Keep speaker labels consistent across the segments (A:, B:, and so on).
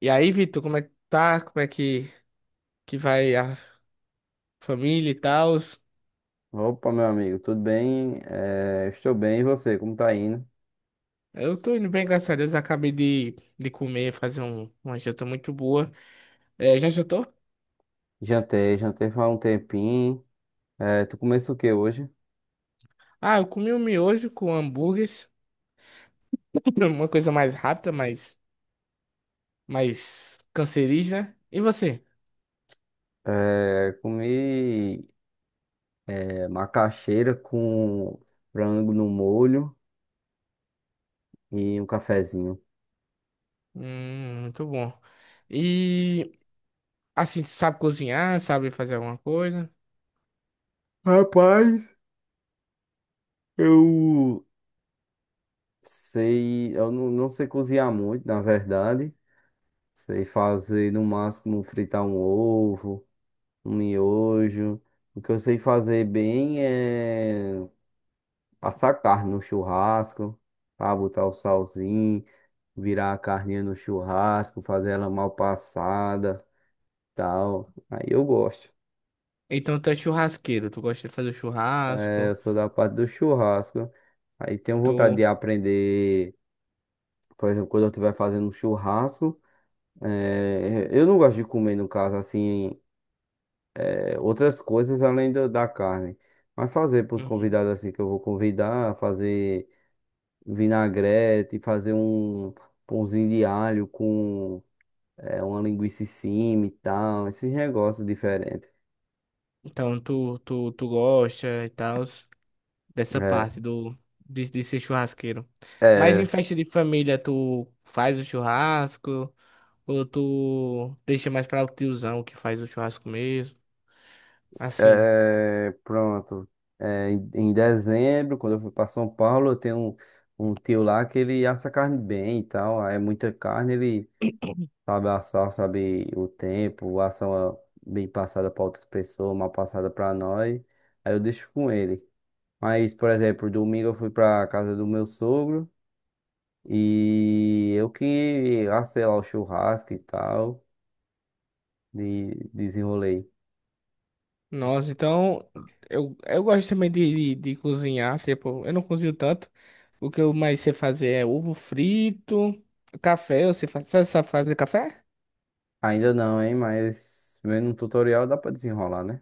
A: E aí, Vitor, como é que tá? Que vai a família e tal?
B: Opa, meu amigo, tudo bem? Estou bem, e você? Como tá indo?
A: Eu tô indo bem, graças a Deus. Acabei de comer, fazer uma janta muito boa. É, já jantou?
B: Jantei, jantei faz um tempinho. Tu começou o que hoje?
A: Ah, eu comi um miojo com hambúrgueres. Uma coisa mais rápida, mais cancerígena, né? E você?
B: Comi macaxeira com frango no molho e um cafezinho.
A: Muito bom. E, assim, tu sabe cozinhar, sabe fazer alguma coisa?
B: Rapaz, eu sei, eu não sei cozinhar muito, na verdade. Sei fazer no máximo fritar um ovo, um miojo. O que eu sei fazer bem é passar carne no churrasco, para botar o salzinho, virar a carninha no churrasco, fazer ela mal passada, tal. Aí eu gosto.
A: Então tu é churrasqueiro, tu gosta de fazer
B: É, eu
A: churrasco,
B: sou da parte do churrasco. Aí tenho vontade de
A: tu...
B: aprender, por exemplo, quando eu estiver fazendo um churrasco. Eu não gosto de comer, no caso, assim, outras coisas da carne. Mas fazer para os
A: Uhum.
B: convidados assim que eu vou convidar, fazer vinagrete, fazer um pãozinho de alho com é uma linguiça em cima e tal, esses negócios diferentes.
A: Então tu gosta e tal, dessa
B: É,
A: parte do, de ser churrasqueiro. Mas em
B: é,
A: festa de família, tu faz o churrasco ou tu deixa mais para o tiozão que faz o churrasco mesmo? Assim.
B: é, pronto. É, em dezembro, quando eu fui para São Paulo, eu tenho um tio lá que ele assa carne bem e tal. Aí é muita carne, ele sabe assar, sabe o tempo, assa uma bem passada para outras pessoas, mal passada para nós. Aí eu deixo com ele. Mas, por exemplo, domingo eu fui para casa do meu sogro e eu que assei lá o churrasco e tal. De desenrolei.
A: Nossa, então eu gosto também de cozinhar, tipo, eu não cozinho tanto. O que eu mais sei fazer é ovo frito, café, eu sei fazer, sabe fazer café?
B: Ainda não, hein? Mas vendo um tutorial dá pra desenrolar, né?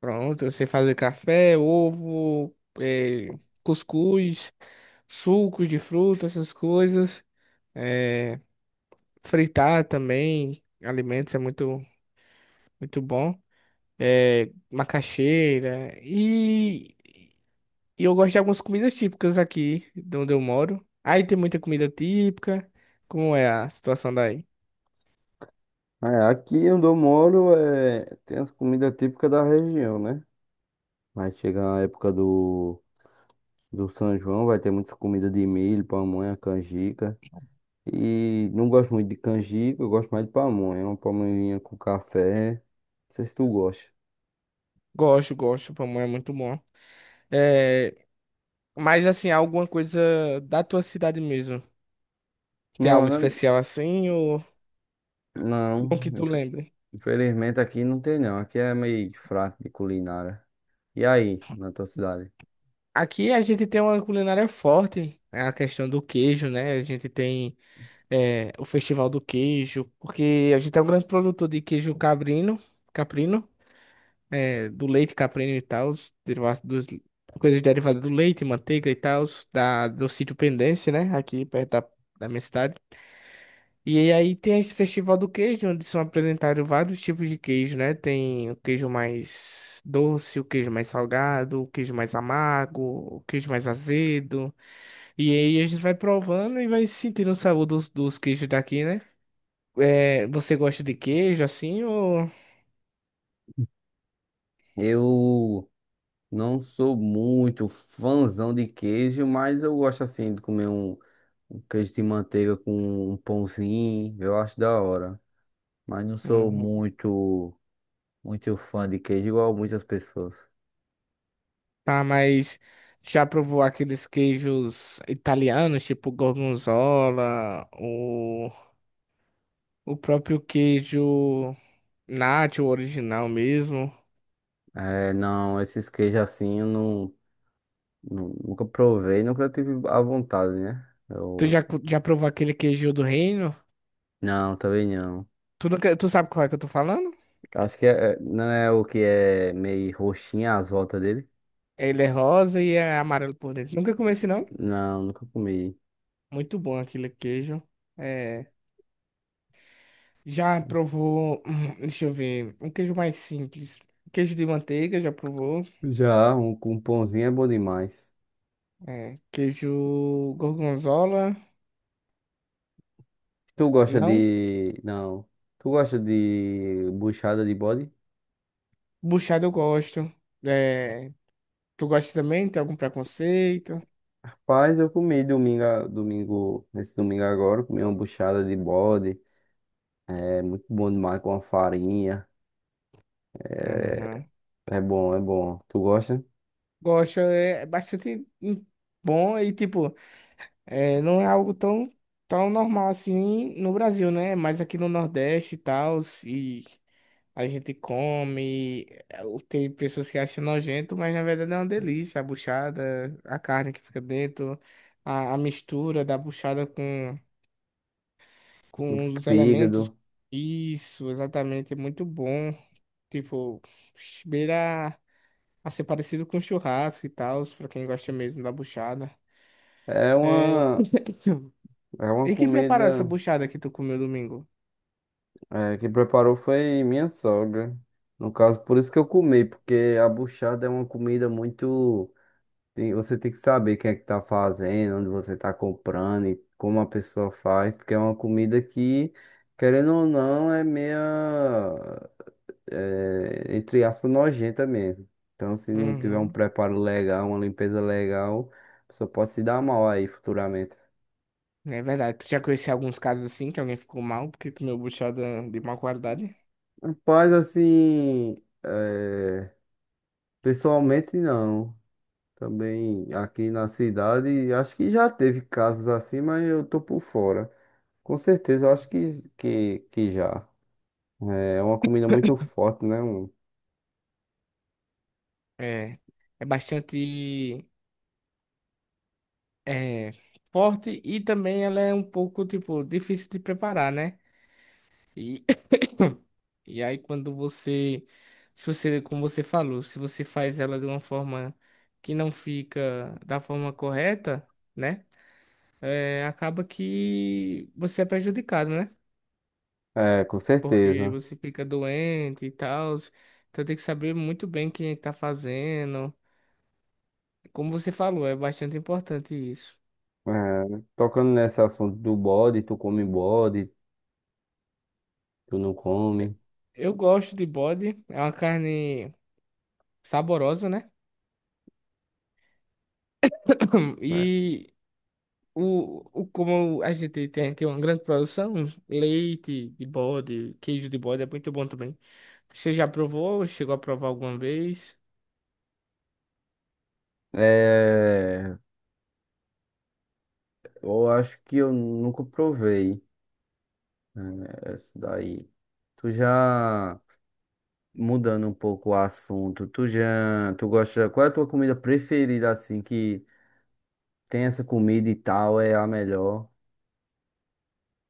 A: Pronto, eu sei fazer café, ovo, eh, cuscuz, sucos de fruta, essas coisas. É, fritar também alimentos é muito bom. É, macaxeira. E eu gosto de algumas comidas típicas aqui de onde eu moro. Aí tem muita comida típica. Como é a situação daí?
B: É, aqui onde eu moro é, tem as comidas típicas da região, né? Mas chega a época do São João, vai ter muitas comidas de milho, pamonha, canjica. E não gosto muito de canjica, eu gosto mais de pamonha. Uma pamonhinha com café. Não sei se tu gosta.
A: Gosto, gosto. Pamonha é muito bom. É, mas assim, alguma coisa da tua cidade mesmo? Tem
B: Não,
A: algo
B: não,
A: especial assim ou
B: não.
A: não que tu lembre?
B: Infelizmente aqui não tem não. Aqui é meio fraco de culinária. E aí, na tua cidade?
A: Aqui a gente tem uma culinária forte, é a questão do queijo, né? A gente tem, é, o Festival do Queijo, porque a gente é um grande produtor de queijo cabrino, caprino, é, do leite caprino e tal, os derivados dos, coisas derivadas do leite, manteiga e tal, do sítio Pendência, né, aqui perto da minha cidade. E aí tem esse Festival do Queijo, onde são apresentados vários tipos de queijo, né? Tem o queijo mais doce, o queijo mais salgado, o queijo mais amargo, o queijo mais azedo. E aí a gente vai provando e vai sentindo o sabor dos queijos daqui, né? É, você gosta de queijo assim ou...
B: Eu não sou muito fãzão de queijo, mas eu gosto assim de comer um queijo de manteiga com um pãozinho, eu acho da hora. Mas não sou
A: Uhum.
B: muito, muito fã de queijo, igual muitas pessoas.
A: Tá, mas já provou aqueles queijos italianos, tipo gorgonzola, o próprio queijo nacho, o original mesmo?
B: É, não, esses queijos assim eu não, nunca provei, nunca tive a vontade, né? Eu,
A: Já provou aquele queijo do reino?
B: não, também não.
A: Tu nunca, tu sabe qual é que eu tô falando?
B: Acho que não é o que é meio roxinha as voltas dele.
A: Ele é rosa e é amarelo por dentro. Nunca comi esse não?
B: Não, nunca comi.
A: Muito bom aquele queijo. É, já provou, deixa eu ver, um queijo mais simples. Queijo de manteiga, já provou?
B: Já, um pãozinho é bom demais.
A: É, queijo gorgonzola,
B: Tu gosta
A: não.
B: de. Não. Tu gosta de buchada de bode?
A: Buchada eu gosto. É, tu gosta também? Tem algum preconceito?
B: Rapaz, eu comi domingo, domingo, nesse domingo agora, comi uma buchada de bode. É muito bom demais com a farinha. É,
A: Aham.
B: é bom, é bom. Tu gosta?
A: Gosto, é, é bastante, bom e, tipo, é, não é algo tão normal assim no Brasil, né? Mas aqui no Nordeste e tal, e a gente come, é, tem pessoas que acham nojento, mas na verdade é uma delícia. A buchada, a carne que fica dentro, a mistura da buchada
B: Do
A: com os elementos.
B: fígado.
A: Isso, exatamente, é muito bom. Tipo, beira a ser parecido com churrasco e tal, pra quem gosta mesmo da buchada.
B: É
A: É...
B: uma, é uma
A: E quem preparou essa
B: comida
A: buchada que tu comeu domingo?
B: é, que preparou foi minha sogra. No caso, por isso que eu comi, porque a buchada é uma comida muito. Você tem que saber quem é que tá fazendo, onde você tá comprando e como a pessoa faz, porque é uma comida que, querendo ou não, é meia, é, entre aspas, nojenta mesmo. Então, se não tiver um
A: Uhum.
B: preparo legal, uma limpeza legal, a pessoa pode se dar mal aí futuramente.
A: É verdade, tu já conheceu alguns casos assim que alguém ficou mal porque comeu buchada de má qualidade?
B: Rapaz, assim, é, pessoalmente não. Também aqui na cidade, acho que já teve casos assim, mas eu tô por fora. Com certeza, eu acho que já. É uma comida muito forte, né? Um-
A: É, é bastante, é, forte e também ela é um pouco, tipo, difícil de preparar, né? E e aí quando você, se você, como você falou, se você faz ela de uma forma que não fica da forma correta, né? É, acaba que você é prejudicado, né?
B: É, com
A: Porque
B: certeza.
A: você fica doente e tal. Então tem que saber muito bem quem está fazendo. Como você falou, é bastante importante isso.
B: É, tocando nesse assunto do bode, tu come bode, tu não come.
A: Eu gosto de bode, é uma carne saborosa, né?
B: É,
A: E o, como a gente tem aqui uma grande produção, leite de bode, queijo de bode é muito bom também. Você já provou? Chegou a provar alguma vez?
B: é, eu acho que eu nunca provei, né, essa daí. Tu já mudando um pouco o assunto, tu já, tu gosta, qual é a tua comida preferida assim que tem essa comida e tal, é a melhor?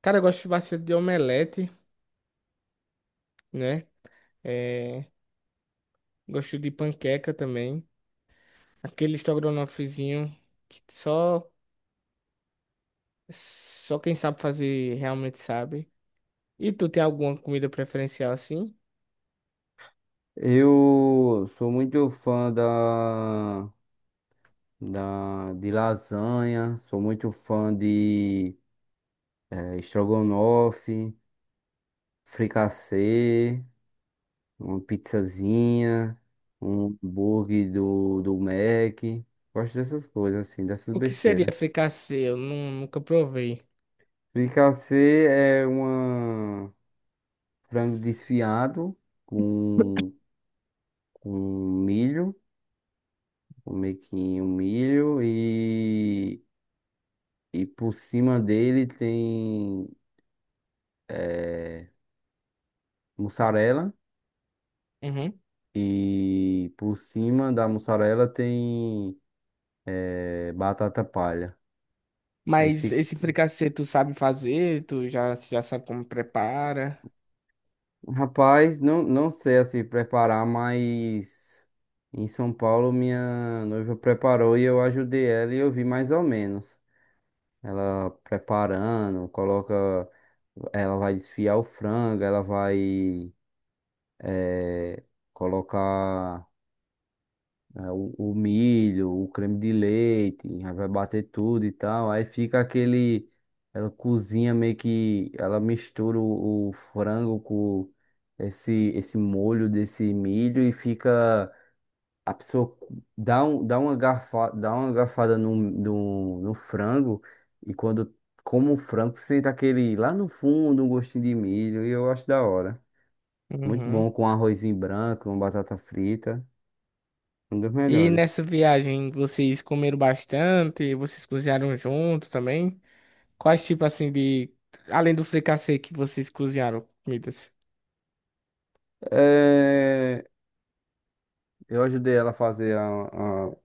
A: Cara, eu gosto bastante de omelete, né? É, gosto de panqueca também. Aquele estrogonofezinho que só quem sabe fazer realmente sabe. E tu tem alguma comida preferencial assim?
B: Eu sou muito fã de lasanha, sou muito fã de estrogonofe, fricassê, uma pizzazinha, um hambúrguer do Mac. Gosto dessas coisas, assim, dessas
A: O que seria
B: besteiras.
A: fricassê? Nunca provei.
B: Fricassê é uma frango desfiado com, com milho, um mequinho, milho e por cima dele tem eh, mussarela.
A: Uhum.
B: E por cima da mussarela tem batata palha. Aí
A: Mas
B: fica.
A: esse fricassê tu sabe fazer, tu já, já sabe como prepara.
B: Rapaz, não, não sei assim preparar, mas em São Paulo minha noiva preparou e eu ajudei ela e eu vi mais ou menos. Ela preparando, coloca. Ela vai desfiar o frango, ela vai eh, colocar. É, o milho, o creme de leite, aí vai bater tudo e tal. Aí fica aquele. Ela cozinha meio que. Ela mistura o frango com esse molho desse milho e fica. A pessoa dá, um, dá, uma garfa, dá uma garfada no frango e quando come o frango sente aquele lá no fundo um gostinho de milho e eu acho da hora. Muito
A: Uhum.
B: bom com arrozinho branco, uma batata frita. Um dos
A: E
B: melhores.
A: nessa viagem vocês comeram bastante, vocês cozinharam junto também? Quais tipo assim de, além do fricassê que vocês cozinharam, comidas?
B: É, eu ajudei ela a fazer a-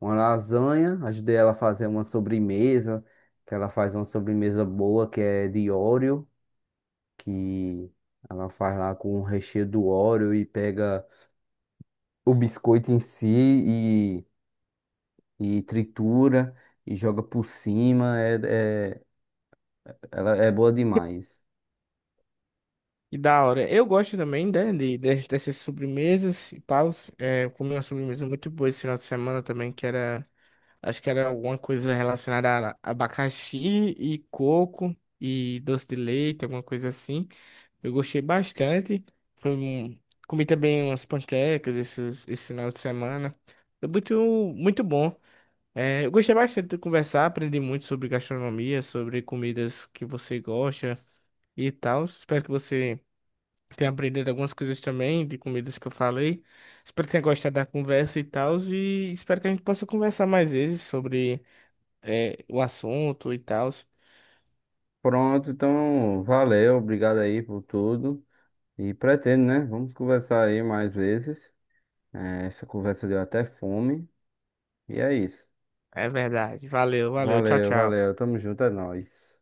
B: uma lasanha, ajudei ela a fazer uma sobremesa, que ela faz uma sobremesa boa, que é de Oreo, que ela faz lá com o recheio do Oreo e pega o biscoito em si e tritura e joga por cima. É, é, ela é boa demais.
A: E da hora. Eu gosto também, né, dessas sobremesas e tal. É, eu comi uma sobremesa muito boa esse final de semana também, que era, acho que era alguma coisa relacionada a abacaxi e coco e doce de leite, alguma coisa assim. Eu gostei bastante. Foi um- Comi também umas panquecas esse final de semana. Foi muito bom. É, eu gostei bastante de conversar, aprendi muito sobre gastronomia, sobre comidas que você gosta e tal. Espero que você tenha aprendido algumas coisas também de comidas que eu falei. Espero que tenha gostado da conversa e tal. E espero que a gente possa conversar mais vezes sobre, é, o assunto e tal.
B: Pronto, então valeu, obrigado aí por tudo. E pretendo, né? Vamos conversar aí mais vezes. É, essa conversa deu até fome. E é isso.
A: É verdade. Valeu, valeu. Tchau,
B: Valeu,
A: tchau.
B: valeu. Tamo junto, é nóis.